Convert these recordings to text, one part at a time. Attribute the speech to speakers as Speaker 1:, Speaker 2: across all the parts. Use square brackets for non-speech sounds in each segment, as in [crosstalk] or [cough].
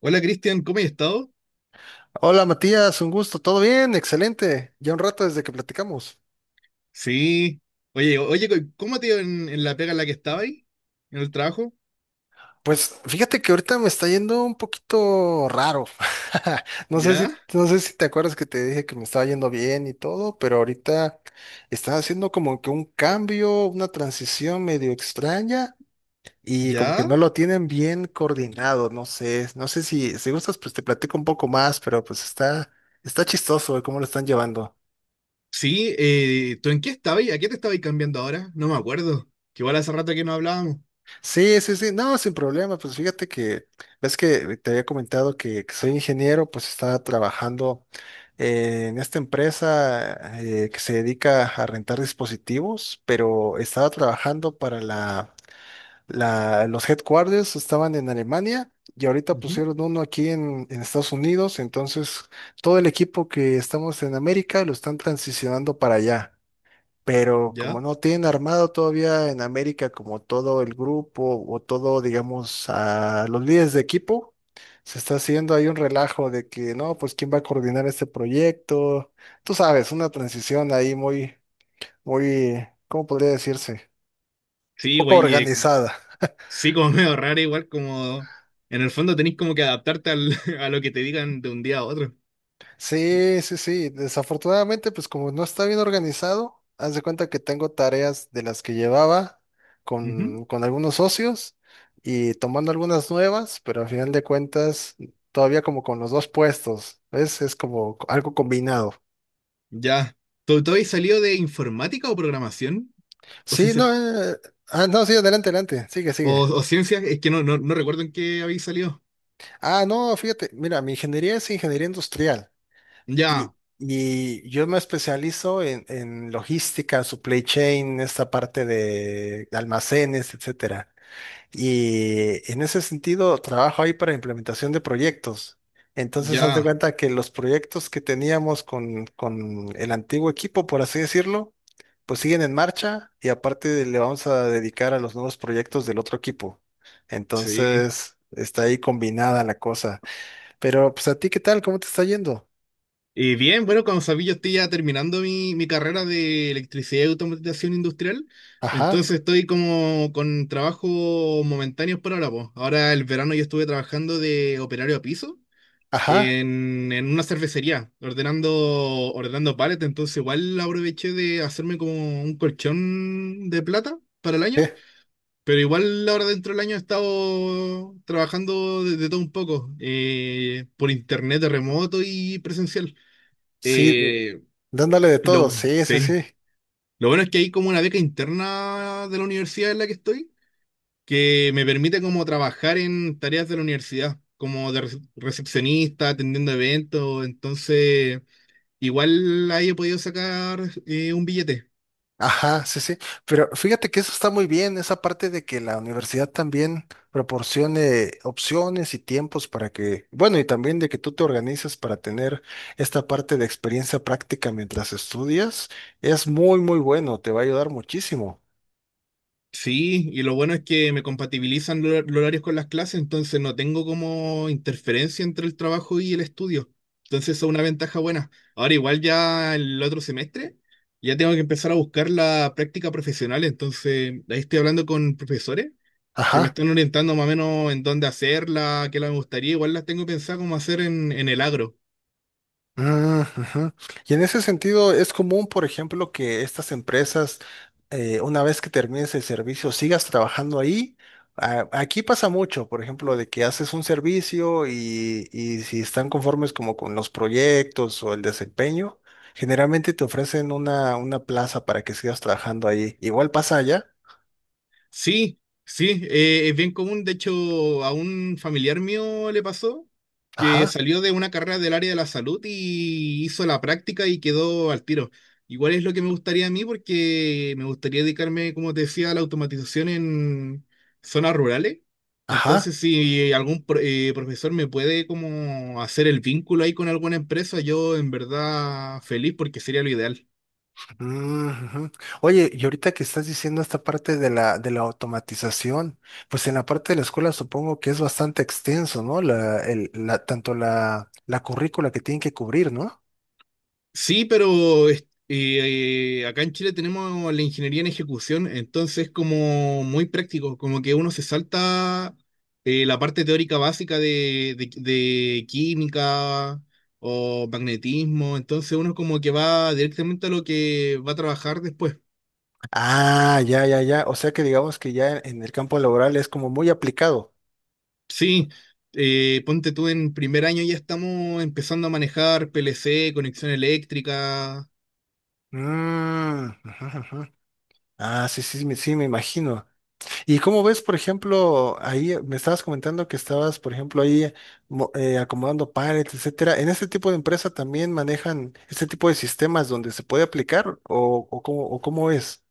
Speaker 1: Hola Cristian, ¿cómo has estado?
Speaker 2: Hola Matías, un gusto, ¿todo bien? Excelente. Ya un rato desde que platicamos.
Speaker 1: Sí. Oye, ¿cómo te iba en la pega en la que estaba ahí? ¿En el trabajo?
Speaker 2: Pues fíjate que ahorita me está yendo un poquito raro. [laughs] No sé
Speaker 1: ¿Ya?
Speaker 2: si, no sé si te acuerdas que te dije que me estaba yendo bien y todo, pero ahorita está haciendo como que un cambio, una transición medio extraña y como que
Speaker 1: ¿Ya?
Speaker 2: no lo tienen bien coordinado, no sé, no sé si, si gustas, pues te platico un poco más, está chistoso de cómo lo están llevando.
Speaker 1: Sí, ¿tú en qué estabas? ¿A qué te estabas cambiando ahora? No me acuerdo. Que igual hace rato que no hablábamos.
Speaker 2: Sí, sí, sí, no, sin problema, ves que te había comentado que soy ingeniero, pues estaba trabajando en esta empresa que se dedica a rentar dispositivos, pero estaba trabajando para los headquarters, estaban en Alemania y ahorita
Speaker 1: Ujú.
Speaker 2: pusieron uno aquí en Estados Unidos, entonces todo el equipo que estamos en América lo están transicionando para allá, pero como
Speaker 1: ¿Ya?
Speaker 2: no tienen armado todavía en América como todo el grupo o todo, digamos, a los líderes de equipo, se está haciendo ahí un relajo de que, no, pues quién va a coordinar este proyecto. Tú sabes, una transición ahí muy, ¿cómo podría decirse?
Speaker 1: Sí,
Speaker 2: Poco
Speaker 1: güey,
Speaker 2: organizada.
Speaker 1: sí, como [laughs] medio raro, igual como en el fondo tenés como que [laughs] a lo que te digan de un día a otro.
Speaker 2: Sí, sí, sí. Desafortunadamente, pues como no está bien organizado, haz de cuenta que tengo tareas de las que llevaba
Speaker 1: Ujú.
Speaker 2: con algunos socios y tomando algunas nuevas, pero al final de cuentas, todavía como con los dos puestos, ¿ves? Es como algo combinado.
Speaker 1: Ya. ¿Tú habías salido de informática o programación? ¿O
Speaker 2: Sí,
Speaker 1: ciencias?
Speaker 2: no, eh, no, sí, adelante, adelante, sigue,
Speaker 1: O,
Speaker 2: sigue.
Speaker 1: o ciencias, es que no recuerdo en qué habéis salido.
Speaker 2: Ah, no, fíjate, mira, mi ingeniería es ingeniería industrial.
Speaker 1: Ya.
Speaker 2: Y yo me especializo en logística, supply chain, esta parte de almacenes, etcétera. Y en ese sentido, trabajo ahí para implementación de proyectos. Entonces, haz de
Speaker 1: Ya,
Speaker 2: cuenta que los proyectos que teníamos con el antiguo equipo, por así decirlo, pues siguen en marcha y aparte le vamos a dedicar a los nuevos proyectos del otro equipo.
Speaker 1: sí.
Speaker 2: Entonces, está ahí combinada la cosa. Pero, pues, ¿a ti qué tal? ¿Cómo te está yendo?
Speaker 1: Y bien, bueno, como sabía, yo estoy ya terminando mi carrera de electricidad y automatización industrial.
Speaker 2: Ajá,
Speaker 1: Entonces estoy como con trabajo momentáneos por ahora, po. Ahora el verano yo estuve trabajando de operario a piso
Speaker 2: ajá.
Speaker 1: en una cervecería, ordenando pallets. Entonces igual aproveché de hacerme como un colchón de plata para el
Speaker 2: Sí,
Speaker 1: año. Pero igual ahora dentro del año he estado trabajando de todo un poco, por internet de remoto y presencial.
Speaker 2: sí,
Speaker 1: Eh,
Speaker 2: dándole de todo, sí, sí,
Speaker 1: sí.
Speaker 2: sí.
Speaker 1: Lo bueno es que hay como una beca interna de la universidad en la que estoy, que me permite como trabajar en tareas de la universidad, como de recepcionista, atendiendo eventos, entonces igual ahí he podido sacar un billete.
Speaker 2: Ajá, sí, sí. Pero fíjate que eso está muy bien, esa parte de que la universidad también proporcione opciones y tiempos para que, bueno, y también de que tú te organices para tener esta parte de experiencia práctica mientras estudias, es muy, muy bueno, te va a ayudar muchísimo.
Speaker 1: Sí, y lo bueno es que me compatibilizan los horarios con las clases, entonces no tengo como interferencia entre el trabajo y el estudio. Entonces eso es una ventaja buena. Ahora igual ya el otro semestre ya tengo que empezar a buscar la práctica profesional, entonces ahí estoy hablando con profesores que me
Speaker 2: Ajá.
Speaker 1: están orientando más o menos en dónde hacerla, qué la me gustaría, igual las tengo pensado como hacer en el agro.
Speaker 2: Mm, ujú. Y en ese sentido, es común, por ejemplo, que estas empresas, una vez que termines el servicio, sigas trabajando ahí. Aquí pasa mucho, por ejemplo, de que haces un servicio y si están conformes como con los proyectos o el desempeño, generalmente te ofrecen una plaza para que sigas trabajando ahí. Igual pasa allá.
Speaker 1: Sí, sí, es bien común. De hecho, a un familiar mío le pasó que
Speaker 2: Ajá,
Speaker 1: salió de una carrera del área de la salud y hizo la práctica y quedó al tiro. Igual es lo que me gustaría a mí porque me gustaría dedicarme, como te decía, a la automatización en zonas rurales.
Speaker 2: ajá.
Speaker 1: Entonces, si profesor me puede como hacer el vínculo ahí con alguna empresa, yo en verdad feliz porque sería lo ideal.
Speaker 2: Mm, ujú. Oye, y ahorita que estás diciendo esta parte de de la automatización, pues en la parte de la escuela supongo que es bastante extenso, ¿no? Tanto la currícula que tienen que cubrir, ¿no?
Speaker 1: Sí, pero acá en Chile tenemos la ingeniería en ejecución, entonces es como muy práctico, como que uno se salta la parte teórica básica de química o magnetismo, entonces uno como que va directamente a lo que va a trabajar después.
Speaker 2: Ah, ya, ya, ya. O sea que digamos que ya en el campo laboral es como muy aplicado.
Speaker 1: Sí, ponte tú en primer año ya estamos empezando a manejar PLC, conexión eléctrica.
Speaker 2: Mm, ujú, ujú. Ah, sí, sí, sí, me imagino. Y cómo ves, por ejemplo, ahí me estabas comentando que estabas, por ejemplo, ahí acomodando pallets, etcétera. ¿En este tipo de empresa también manejan este tipo de sistemas donde se puede aplicar o cómo es?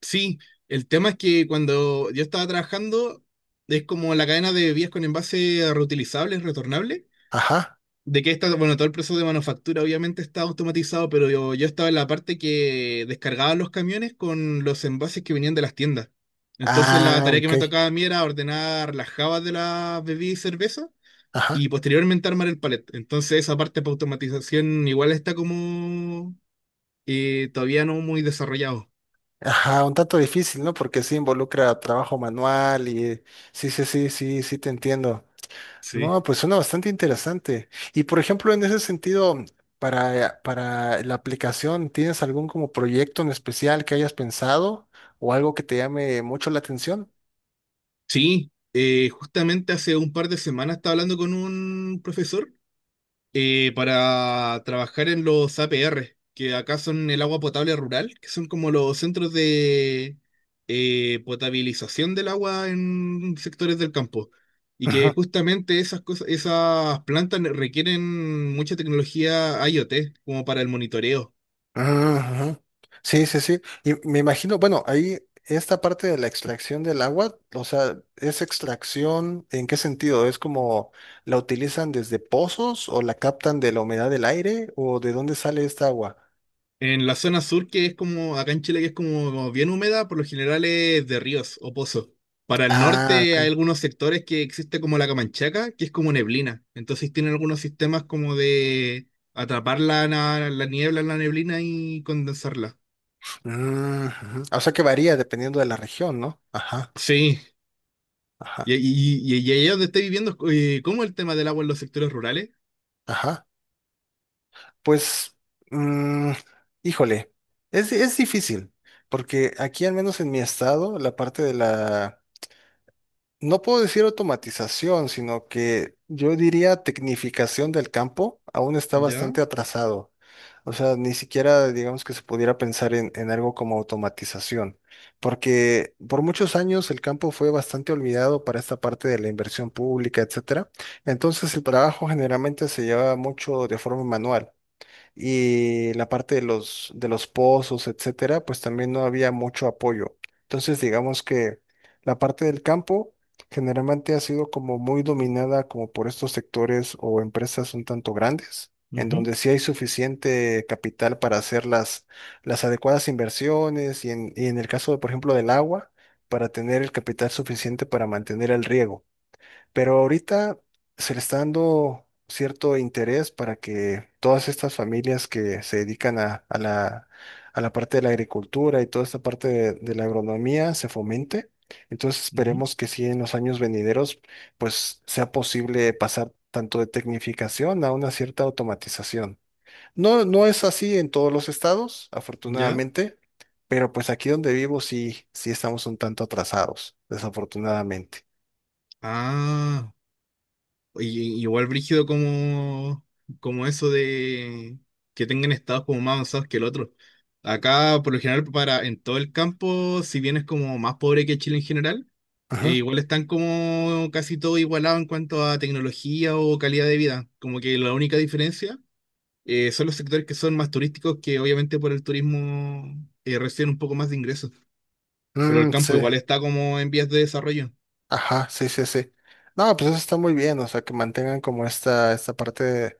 Speaker 1: Sí, el tema es que cuando yo estaba trabajando, es como la cadena de vías con envase reutilizables, retornables,
Speaker 2: Ajá.
Speaker 1: de que esta, bueno, todo el proceso de manufactura obviamente está automatizado, pero yo estaba en la parte que descargaba los camiones con los envases que venían de las tiendas. Entonces la
Speaker 2: Ah,
Speaker 1: tarea que
Speaker 2: ok.
Speaker 1: me tocaba a mí era ordenar las jabas de las bebidas y cerveza
Speaker 2: Ajá.
Speaker 1: y posteriormente armar el palet. Entonces esa parte para automatización igual está como todavía no muy desarrollado.
Speaker 2: Ajá, un tanto difícil, ¿no? Porque sí involucra trabajo manual y sí, sí, sí, sí, sí te entiendo.
Speaker 1: Sí.
Speaker 2: No, pues suena bastante interesante. Y por ejemplo, en ese sentido, para la aplicación, ¿tienes algún como proyecto en especial que hayas pensado o algo que te llame mucho la atención?
Speaker 1: Sí, justamente hace un par de semanas estaba hablando con un profesor para trabajar en los APR, que acá son el agua potable rural, que son como los centros de potabilización del agua en sectores del campo. Y que
Speaker 2: Ujú,
Speaker 1: justamente esas cosas, esas plantas requieren mucha tecnología IoT, como para el monitoreo.
Speaker 2: ujú. Sí, sí, sí. Y me imagino, bueno, ahí esta parte de la extracción del agua, o sea, ¿es extracción en qué sentido? ¿Es como la utilizan desde pozos o la captan de la humedad del aire o de dónde sale esta agua?
Speaker 1: En la zona sur, que es como acá en Chile, que es como, como bien húmeda, por lo general es de ríos o pozos. Para el
Speaker 2: Ah,
Speaker 1: norte hay
Speaker 2: ok.
Speaker 1: algunos sectores que existe como la Camanchaca, que es como neblina. Entonces tienen algunos sistemas como de atrapar la niebla en la neblina y condensarla.
Speaker 2: Mm, ujú. O sea que varía dependiendo de la región, ¿no? Ajá,
Speaker 1: Sí,
Speaker 2: ajá,
Speaker 1: y allá donde estoy viviendo, ¿cómo es el tema del agua en los sectores rurales?
Speaker 2: ajá. Pues, mm, híjole, es difícil, porque aquí al menos en mi estado, la parte de la... No puedo decir automatización, sino que yo diría tecnificación del campo aún está
Speaker 1: ¿Ya?
Speaker 2: bastante atrasado. O sea, ni siquiera digamos que se pudiera pensar en algo como automatización, porque por muchos años el campo fue bastante olvidado para esta parte de la inversión pública, etcétera. Entonces el trabajo generalmente se lleva mucho de forma manual y la parte de de los pozos, etcétera, pues también no había mucho apoyo. Entonces, digamos que la parte del campo generalmente ha sido como muy dominada como por estos sectores o empresas un tanto grandes, en
Speaker 1: Ujú,
Speaker 2: donde sí hay suficiente capital para hacer las adecuadas inversiones y en el caso, por ejemplo, del agua, para tener el capital suficiente para mantener el riego. Pero ahorita se le está dando cierto interés para que todas estas familias que se dedican a la parte de la agricultura y toda esta parte de la agronomía se fomente. Entonces
Speaker 1: ujú.
Speaker 2: esperemos que sí en los años venideros pues sea posible pasar tanto de tecnificación a una cierta automatización. No, no es así en todos los estados,
Speaker 1: ¿Ya?
Speaker 2: afortunadamente, pero pues aquí donde vivo sí, sí estamos un tanto atrasados, desafortunadamente.
Speaker 1: Ah. Y- igual brígido como, como eso de que tengan estados como más avanzados que el otro. Acá, por lo general, para, en todo el campo, si bien es como más pobre que Chile en general,
Speaker 2: Ajá.
Speaker 1: igual están como casi todo igualado en cuanto a tecnología o calidad de vida. Como que la única diferencia son los sectores que son más turísticos, que obviamente por el turismo reciben un poco más de ingresos. Pero el
Speaker 2: Mm,
Speaker 1: campo
Speaker 2: sí.
Speaker 1: igual está como en vías de desarrollo.
Speaker 2: Ajá, sí, sí, sí. No, pues eso está muy bien, o sea, que mantengan como esta parte de,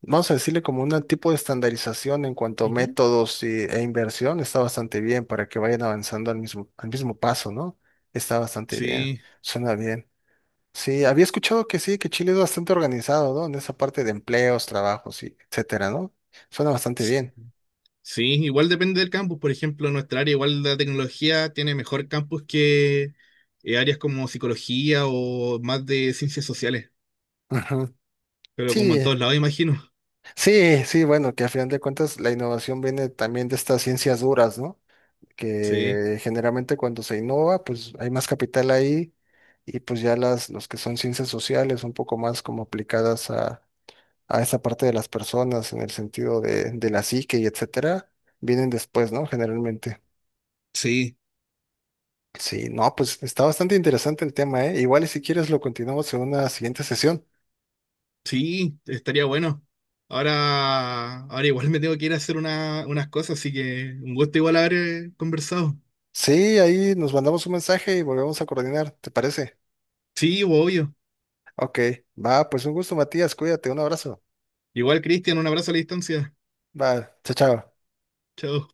Speaker 2: vamos a decirle como un tipo de estandarización en cuanto a
Speaker 1: Ujú.
Speaker 2: métodos e inversión, está bastante bien para que vayan avanzando al mismo paso, ¿no? Está bastante bien,
Speaker 1: Sí.
Speaker 2: suena bien. Sí, había escuchado que sí, que Chile es bastante organizado, ¿no? En esa parte de empleos, trabajos y etcétera, ¿no? Suena bastante bien.
Speaker 1: Sí, igual depende del campus. Por ejemplo, nuestra área, igual la tecnología, tiene mejor campus que áreas como psicología o más de ciencias sociales.
Speaker 2: [laughs] Ujú.
Speaker 1: Pero como en
Speaker 2: Sí,
Speaker 1: todos lados, imagino.
Speaker 2: sí, sí, bueno, que a final de cuentas la innovación viene también de estas ciencias duras, ¿no?
Speaker 1: Sí,
Speaker 2: Que generalmente cuando se innova, pues hay más capital ahí y pues ya las, los que son ciencias sociales, un poco más como aplicadas a esa parte de las personas en el sentido de la psique y etcétera, vienen después, ¿no? Generalmente.
Speaker 1: sí,
Speaker 2: Sí, no, pues está bastante interesante el tema, ¿eh? Igual y si quieres lo continuamos en una siguiente sesión.
Speaker 1: sí, estaría bueno. Ahora, ahora igual me tengo que ir a hacer unas cosas, así que un gusto igual haber conversado.
Speaker 2: Sí, ahí nos mandamos un mensaje y volvemos a coordinar, ¿te parece?
Speaker 1: Sí, obvio.
Speaker 2: Ok, va, pues un gusto, Matías, cuídate, un abrazo.
Speaker 1: Igual, Cristian, un abrazo a la distancia.
Speaker 2: Va, chao, chao.
Speaker 1: Chao.